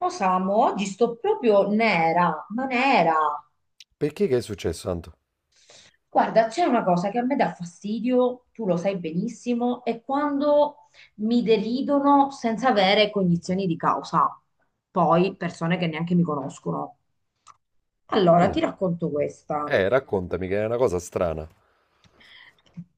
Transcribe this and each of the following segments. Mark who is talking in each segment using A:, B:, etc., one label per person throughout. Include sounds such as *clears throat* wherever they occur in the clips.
A: Oh Samu, oggi sto proprio nera, ma nera.
B: Perché che è successo, Anto?
A: Guarda, c'è una cosa che a me dà fastidio, tu lo sai benissimo, è quando mi deridono senza avere cognizioni di causa. Poi persone che neanche mi conoscono. Allora,
B: Mh,
A: ti racconto questa.
B: raccontami, che è una cosa strana.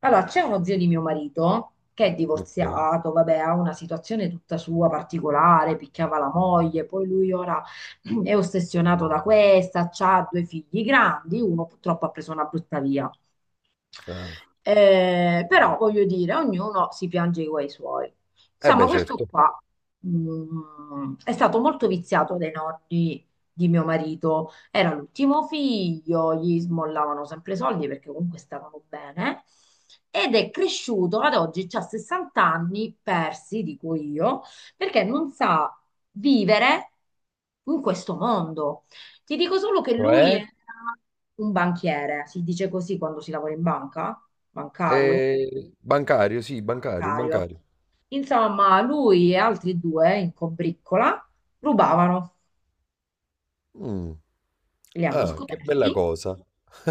A: Allora, c'è uno zio di mio marito che è
B: Ok.
A: divorziato, vabbè, ha una situazione tutta sua particolare, picchiava la moglie, poi lui ora *clears throat* è ossessionato da questa, ha due figli grandi, uno purtroppo ha preso una brutta via.
B: Ah.
A: Però voglio dire, ognuno si piange i guai suoi.
B: Eh
A: Insomma,
B: beh,
A: questo
B: certo.
A: qua è stato molto viziato dai nonni di mio marito. Era l'ultimo figlio, gli smollavano sempre i soldi perché comunque stavano bene. Ed è cresciuto ad oggi, ha 60 anni persi, dico io, perché non sa vivere in questo mondo. Ti dico solo che lui
B: Cioè?
A: era un banchiere, si dice così quando si lavora in banca, bancario,
B: Bancario, sì, bancario, un
A: bancario.
B: bancario.
A: Insomma, lui e altri due in combriccola rubavano,
B: Mm,
A: li hanno
B: ah, che bella
A: scoperti,
B: cosa.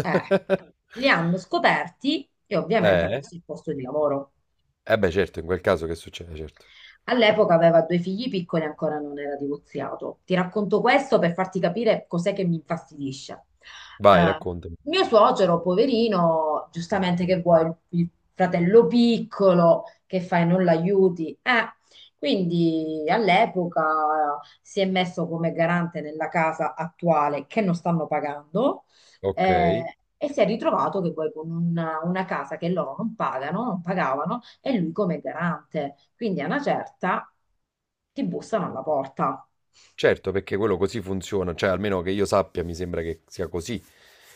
A: eh, li hanno scoperti e ovviamente ha
B: Eh?
A: perso il posto di lavoro.
B: Eh beh, certo, in quel caso che succede, certo.
A: All'epoca aveva due figli piccoli e ancora non era divorziato. Ti racconto questo per farti capire cos'è che mi infastidisce.
B: Vai,
A: Eh,
B: raccontami.
A: Mio suocero, poverino, giustamente che vuoi, il fratello piccolo, che fai, non l'aiuti? Quindi all'epoca si è messo come garante nella casa attuale che non stanno pagando,
B: Ok.
A: e si è ritrovato che poi con una casa che loro non pagano, non pagavano, e lui come garante. Quindi a una certa ti bussano alla porta.
B: Certo, perché quello così funziona, cioè almeno che io sappia, mi sembra che sia così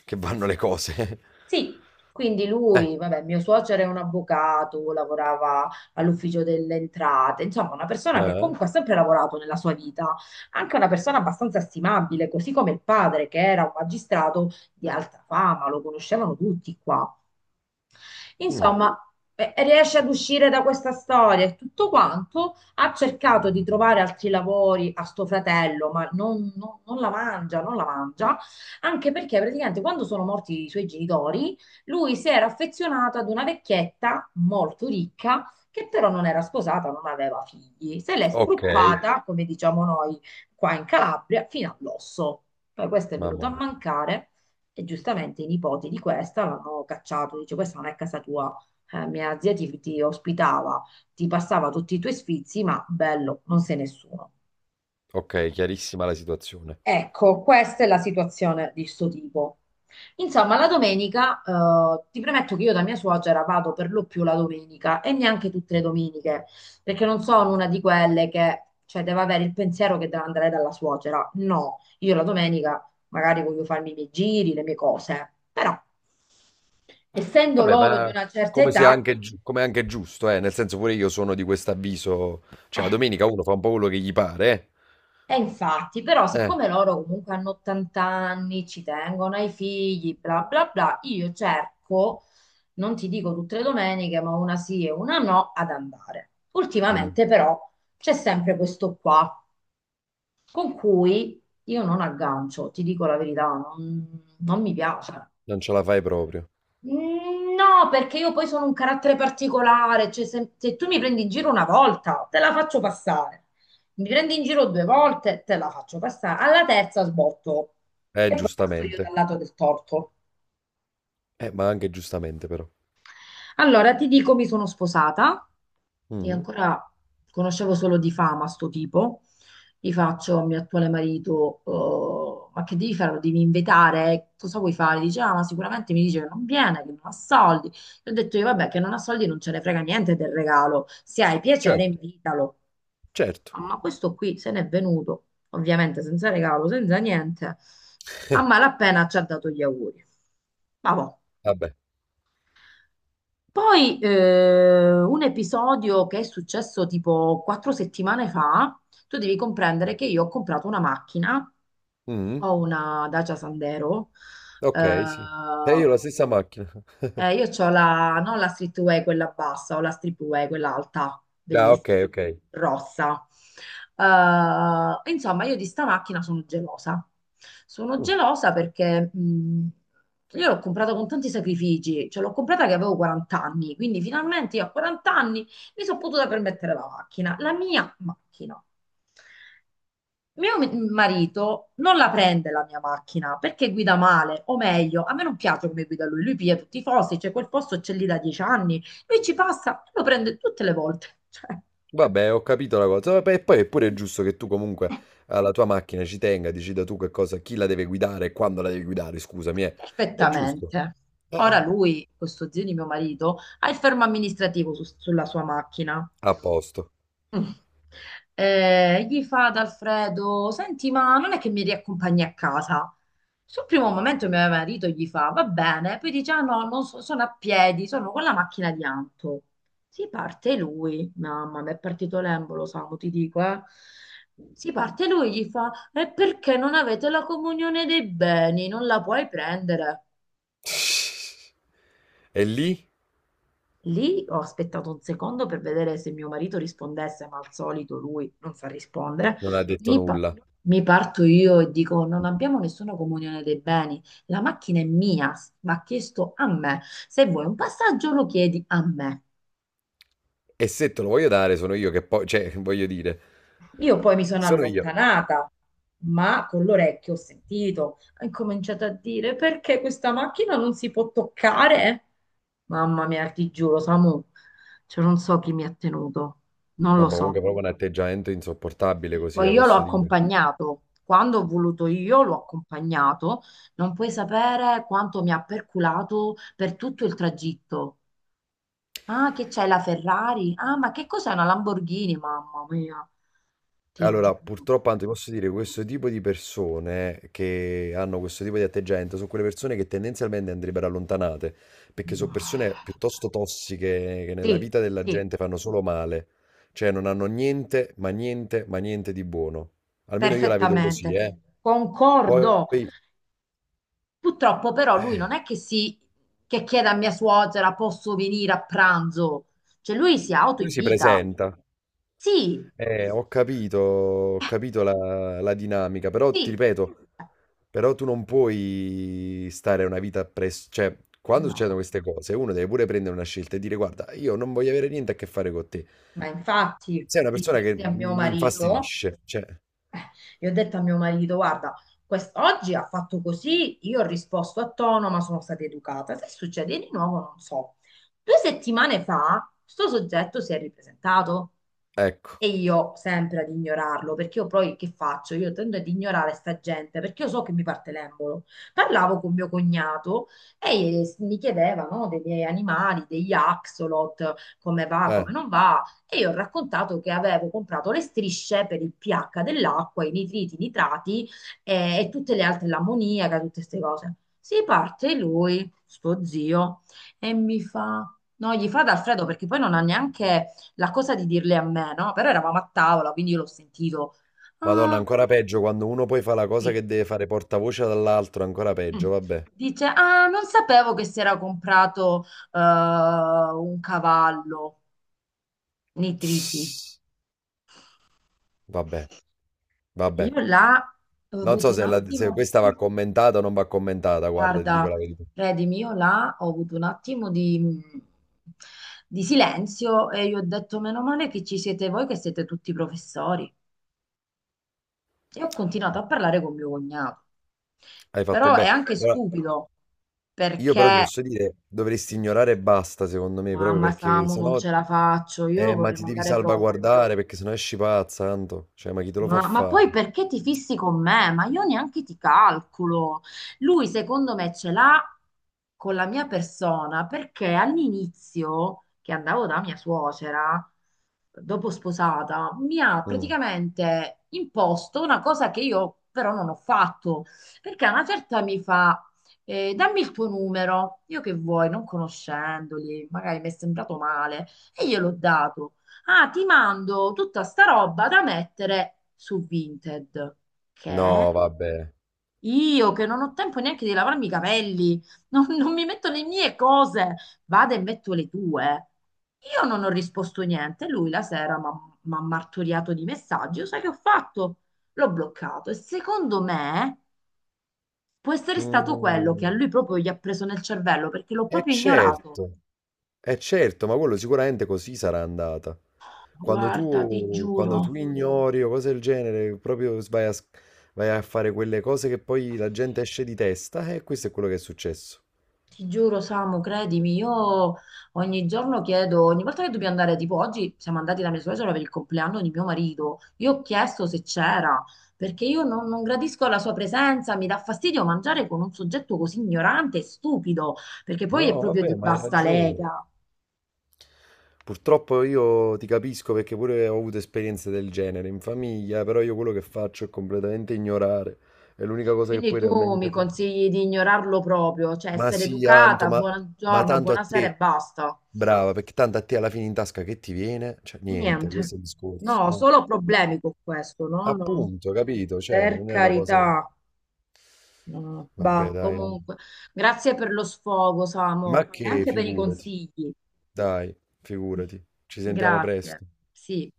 B: che vanno le cose.
A: Sì. Quindi lui,
B: *laughs*
A: vabbè, mio suocero è un avvocato, lavorava all'ufficio delle entrate, insomma, una persona che
B: Ah,
A: comunque ha sempre lavorato nella sua vita, anche una persona abbastanza stimabile, così come il padre, che era un magistrato di alta fama, lo conoscevano tutti qua.
B: mm,
A: Insomma, riesce ad uscire da questa storia e tutto quanto. Ha cercato di trovare altri lavori a sto fratello, ma non la mangia, non la mangia, anche perché praticamente quando sono morti i suoi genitori, lui si era affezionato ad una vecchietta molto ricca. Che però non era sposata, non aveva figli, se l'è, ok,
B: ok,
A: spruppata, come diciamo noi qua in Calabria, fino all'osso. Poi questa è venuta
B: mamma
A: a
B: mia.
A: mancare e giustamente i nipoti di questa l'hanno cacciato, dice questa non è casa tua, mia zia ti ospitava, ti passava tutti i tuoi sfizi, ma bello, non sei nessuno.
B: Ok, chiarissima la situazione.
A: Ecco, questa è la situazione di sto tipo. Insomma, la domenica, ti premetto che io da mia suocera vado per lo più la domenica e neanche tutte le domeniche, perché non sono una di quelle che, cioè, deve avere il pensiero che deve andare dalla suocera. No, io la domenica magari voglio farmi i miei giri, le mie cose, però essendo
B: Vabbè,
A: loro di
B: ma
A: una certa
B: come sia
A: età.
B: anche, come è anche giusto, eh? Nel senso, pure io sono di questo avviso, cioè la
A: eh,
B: domenica uno fa un po' quello che gli pare,
A: E infatti, però,
B: eh?
A: siccome loro comunque hanno 80 anni, ci tengono ai figli, bla bla bla, io cerco, non ti dico tutte le domeniche, ma una sì e una no, ad andare.
B: Mm,
A: Ultimamente, però, c'è sempre questo qua, con cui io non aggancio, ti dico la verità, non mi piace.
B: non ce la fai proprio.
A: Mm, no, perché io poi sono un carattere particolare, cioè se tu mi prendi in giro una volta, te la faccio passare. Mi prendi in giro due volte, te la faccio passare. Alla terza sbotto e poi passo io dal
B: Giustamente.
A: lato del torto.
B: Ma anche giustamente però.
A: Allora, ti dico, mi sono sposata e
B: Mm,
A: ancora conoscevo solo di fama sto tipo. Gli faccio al mio attuale marito, "Oh, ma che devi fare? Lo devi invitare? Cosa vuoi fare?" Dice, "Ah, ma sicuramente mi dice che non viene, che non ha soldi." E ho detto io, vabbè, che non ha soldi non ce ne frega niente del regalo. Se hai piacere,
B: certo,
A: invitalo.
B: certo.
A: Ah, ma questo qui se n'è venuto, ovviamente senza regalo, senza niente. A
B: *laughs*
A: malapena ci ha dato gli auguri. Ma boh,
B: Vabbè.
A: poi un episodio che è successo tipo 4 settimane fa, tu devi comprendere che io ho comprato una macchina,
B: Mm,
A: ho una Dacia Sandero, eh,
B: ok, sì. E io la stessa macchina. *laughs*
A: io ho la, non la streetwear quella bassa, ho la streetwear quella alta,
B: Ah, ok,
A: bellissima,
B: ok.
A: rossa. Insomma, io di sta macchina sono gelosa. Sono
B: Mm,
A: gelosa perché io l'ho comprata con tanti sacrifici, cioè l'ho comprata che avevo 40 anni, quindi finalmente io a 40 anni mi sono potuta permettere la macchina, la mia macchina. Mio marito non la prende la mia macchina perché guida male, o meglio, a me non piace come guida lui, lui piglia tutti i fossi, cioè quel posto c'è lì da 10 anni, lui ci passa e lo prende tutte le volte, *laughs* cioè
B: vabbè, ho capito la cosa. Vabbè, e poi è pure giusto che tu comunque alla tua macchina ci tenga, decida tu che cosa, chi la deve guidare e quando la devi guidare, scusami, eh. È giusto.
A: perfettamente. Ora
B: Eh.
A: lui, questo zio di mio marito, ha il fermo amministrativo sulla sua macchina.
B: A posto.
A: Mm. Gli fa ad Alfredo: "Senti, ma non è che mi riaccompagni a casa?" Sul primo momento mio marito gli fa: "Va bene", poi dice: "Ah no, non so- sono a piedi, sono con la macchina di Anto." Si parte lui, mamma, mi è partito l'embolo, Samu, ti dico, eh. Si parte lui, gli fa: "E perché non avete la comunione dei beni? Non la puoi prendere."
B: E lì
A: Lì ho aspettato un secondo per vedere se mio marito rispondesse, ma al solito lui non sa rispondere.
B: non ha detto
A: Mi, pa-
B: nulla.
A: mi parto io e dico: "Non abbiamo nessuna comunione dei beni. La macchina è mia, va chiesto a me. Se vuoi un passaggio, lo chiedi a me."
B: E se te lo voglio dare, sono io che poi, cioè, *laughs* voglio dire,
A: Io poi mi sono
B: sono io.
A: allontanata, ma con l'orecchio ho sentito. Ho incominciato a dire: "Perché questa macchina non si può toccare?" Mamma mia, ti giuro, Samu, cioè non so chi mi ha tenuto, non
B: No,
A: lo
B: ma comunque è
A: so.
B: proprio un atteggiamento insopportabile così,
A: Poi io l'ho
B: posso dire.
A: accompagnato, quando ho voluto io l'ho accompagnato, non puoi sapere quanto mi ha perculato per tutto il tragitto. "Ah, che c'è la Ferrari? Ah, ma che cos'è, una Lamborghini?" Mamma mia, ti
B: Allora,
A: giuro.
B: purtroppo, anzi, posso dire, questo tipo di persone che hanno questo tipo di atteggiamento sono quelle persone che tendenzialmente andrebbero allontanate, perché sono persone piuttosto tossiche che nella
A: Sì,
B: vita della
A: sì,
B: gente fanno solo male, cioè non hanno niente, ma niente, ma niente di buono. Almeno io la vedo così,
A: perfettamente,
B: eh.
A: concordo.
B: Poi
A: Purtroppo però lui non è che, si, che chiede a mia suocera posso venire a pranzo, cioè lui si
B: lui si
A: autoinvita.
B: presenta,
A: Sì,
B: ho capito la dinamica, però ti
A: sì.
B: ripeto, però tu non puoi stare una vita presso... Cioè, quando
A: No,
B: succedono queste cose, uno deve pure prendere una scelta e dire, guarda, io non voglio avere niente a che fare con te.
A: ma infatti
B: Sei una persona che
A: dissi a mio
B: mi
A: marito,
B: infastidisce. Cioè,
A: gli ho detto a mio marito, guarda, oggi ha fatto così, io ho risposto a tono, ma sono stata educata. Se succede di nuovo, non so. 2 settimane fa, sto soggetto si è ripresentato.
B: ecco.
A: E io sempre ad ignorarlo, perché io poi che faccio? Io tendo ad ignorare sta gente, perché io so che mi parte l'embolo. Parlavo con mio cognato e mi chiedeva, no, dei miei animali, degli axolot, come va,
B: Eh,
A: come non va. E io ho raccontato che avevo comprato le strisce per il pH dell'acqua, i nitriti, i nitrati, e tutte le altre, l'ammoniaca, tutte queste cose. Si parte lui, sto zio, e mi fa... No, gli fa da Alfredo perché poi non ha neanche la cosa di dirle a me, no? Però eravamo a tavola, quindi io l'ho sentito.
B: Madonna,
A: Ah,
B: ancora peggio quando uno poi fa la cosa
A: sì.
B: che deve fare portavoce dall'altro, ancora
A: Mm.
B: peggio, vabbè.
A: Dice: "Ah, non sapevo che si era comprato un cavallo, nitriti."
B: Vabbè, vabbè.
A: Io là ho
B: Non so
A: avuto un
B: se, se
A: attimo,
B: questa va commentata o non va commentata, guarda, ti dico
A: guarda,
B: la verità.
A: credimi, io là ho avuto un attimo di silenzio e io ho detto: "Meno male che ci siete voi, che siete tutti professori." E ho continuato a parlare con mio cognato.
B: Hai fatto
A: Però è
B: bene.
A: anche
B: Allora,
A: stupido
B: io però ti
A: perché,
B: posso dire, dovresti ignorare e basta, secondo me, proprio
A: mamma,
B: perché
A: Samu, non
B: sennò...
A: ce la faccio, io lo
B: Ma
A: vorrei
B: ti devi
A: mandare proprio.
B: salvaguardare perché sennò esci pazza, tanto. Cioè, ma chi te lo fa
A: Ma
B: fare?
A: poi perché ti fissi con me? Ma io neanche ti calcolo. Lui, secondo me, ce l'ha con la mia persona perché all'inizio, che andavo da mia suocera, dopo sposata, mi ha
B: Mm.
A: praticamente imposto una cosa che io però non ho fatto. Perché a una certa mi fa, "Dammi il tuo numero." Io che vuoi, non conoscendoli, magari mi è sembrato male. E gliel'ho dato. "Ah, ti mando tutta sta roba da mettere su Vinted." Che
B: No, vabbè.
A: io che non ho tempo neanche di lavarmi i capelli, *laughs* non mi metto le mie cose, vado e metto le tue. Io non ho risposto niente. Lui la sera mi ha martoriato di messaggi. Io sai che ho fatto? L'ho bloccato. E secondo me può essere stato quello che a
B: Mm.
A: lui proprio gli ha preso nel cervello perché l'ho
B: Eh
A: proprio ignorato.
B: certo, è certo, ma quello sicuramente così sarà andata.
A: Guarda, ti
B: Quando tu
A: giuro.
B: ignori o cose del genere, proprio vai a, vai a fare quelle cose che poi la gente esce di testa, e questo è quello che è successo.
A: Ti giuro, Samu, credimi, io ogni giorno chiedo, ogni volta che dobbiamo andare, tipo oggi siamo andati da mia suocera per il compleanno di mio marito, io ho chiesto se c'era, perché io non gradisco la sua presenza, mi dà fastidio mangiare con un soggetto così ignorante e stupido, perché poi è
B: No,
A: proprio
B: vabbè,
A: di
B: ma hai
A: bassa
B: ragione.
A: lega.
B: Purtroppo io ti capisco perché pure ho avuto esperienze del genere in famiglia, però io quello che faccio è completamente ignorare. È l'unica cosa che
A: Quindi
B: puoi
A: tu mi
B: realmente fare.
A: consigli di ignorarlo proprio, cioè
B: Ma
A: essere
B: sì, Anto,
A: educata,
B: ma
A: buongiorno,
B: tanto a
A: buonasera e
B: te,
A: basta.
B: brava, perché tanto a te alla fine in tasca che ti viene? Cioè, niente,
A: Niente.
B: questo è il discorso.
A: No,
B: Eh.
A: solo problemi con questo, no, no.
B: Appunto, capito? Cioè,
A: Per
B: non è una cosa...
A: carità. No,
B: Vabbè,
A: bah,
B: dai. Anto.
A: comunque, grazie per lo sfogo,
B: Ma
A: Samo, e
B: che,
A: anche per i
B: figurati,
A: consigli.
B: dai, figurati. Ci sentiamo
A: Grazie.
B: presto.
A: Sì.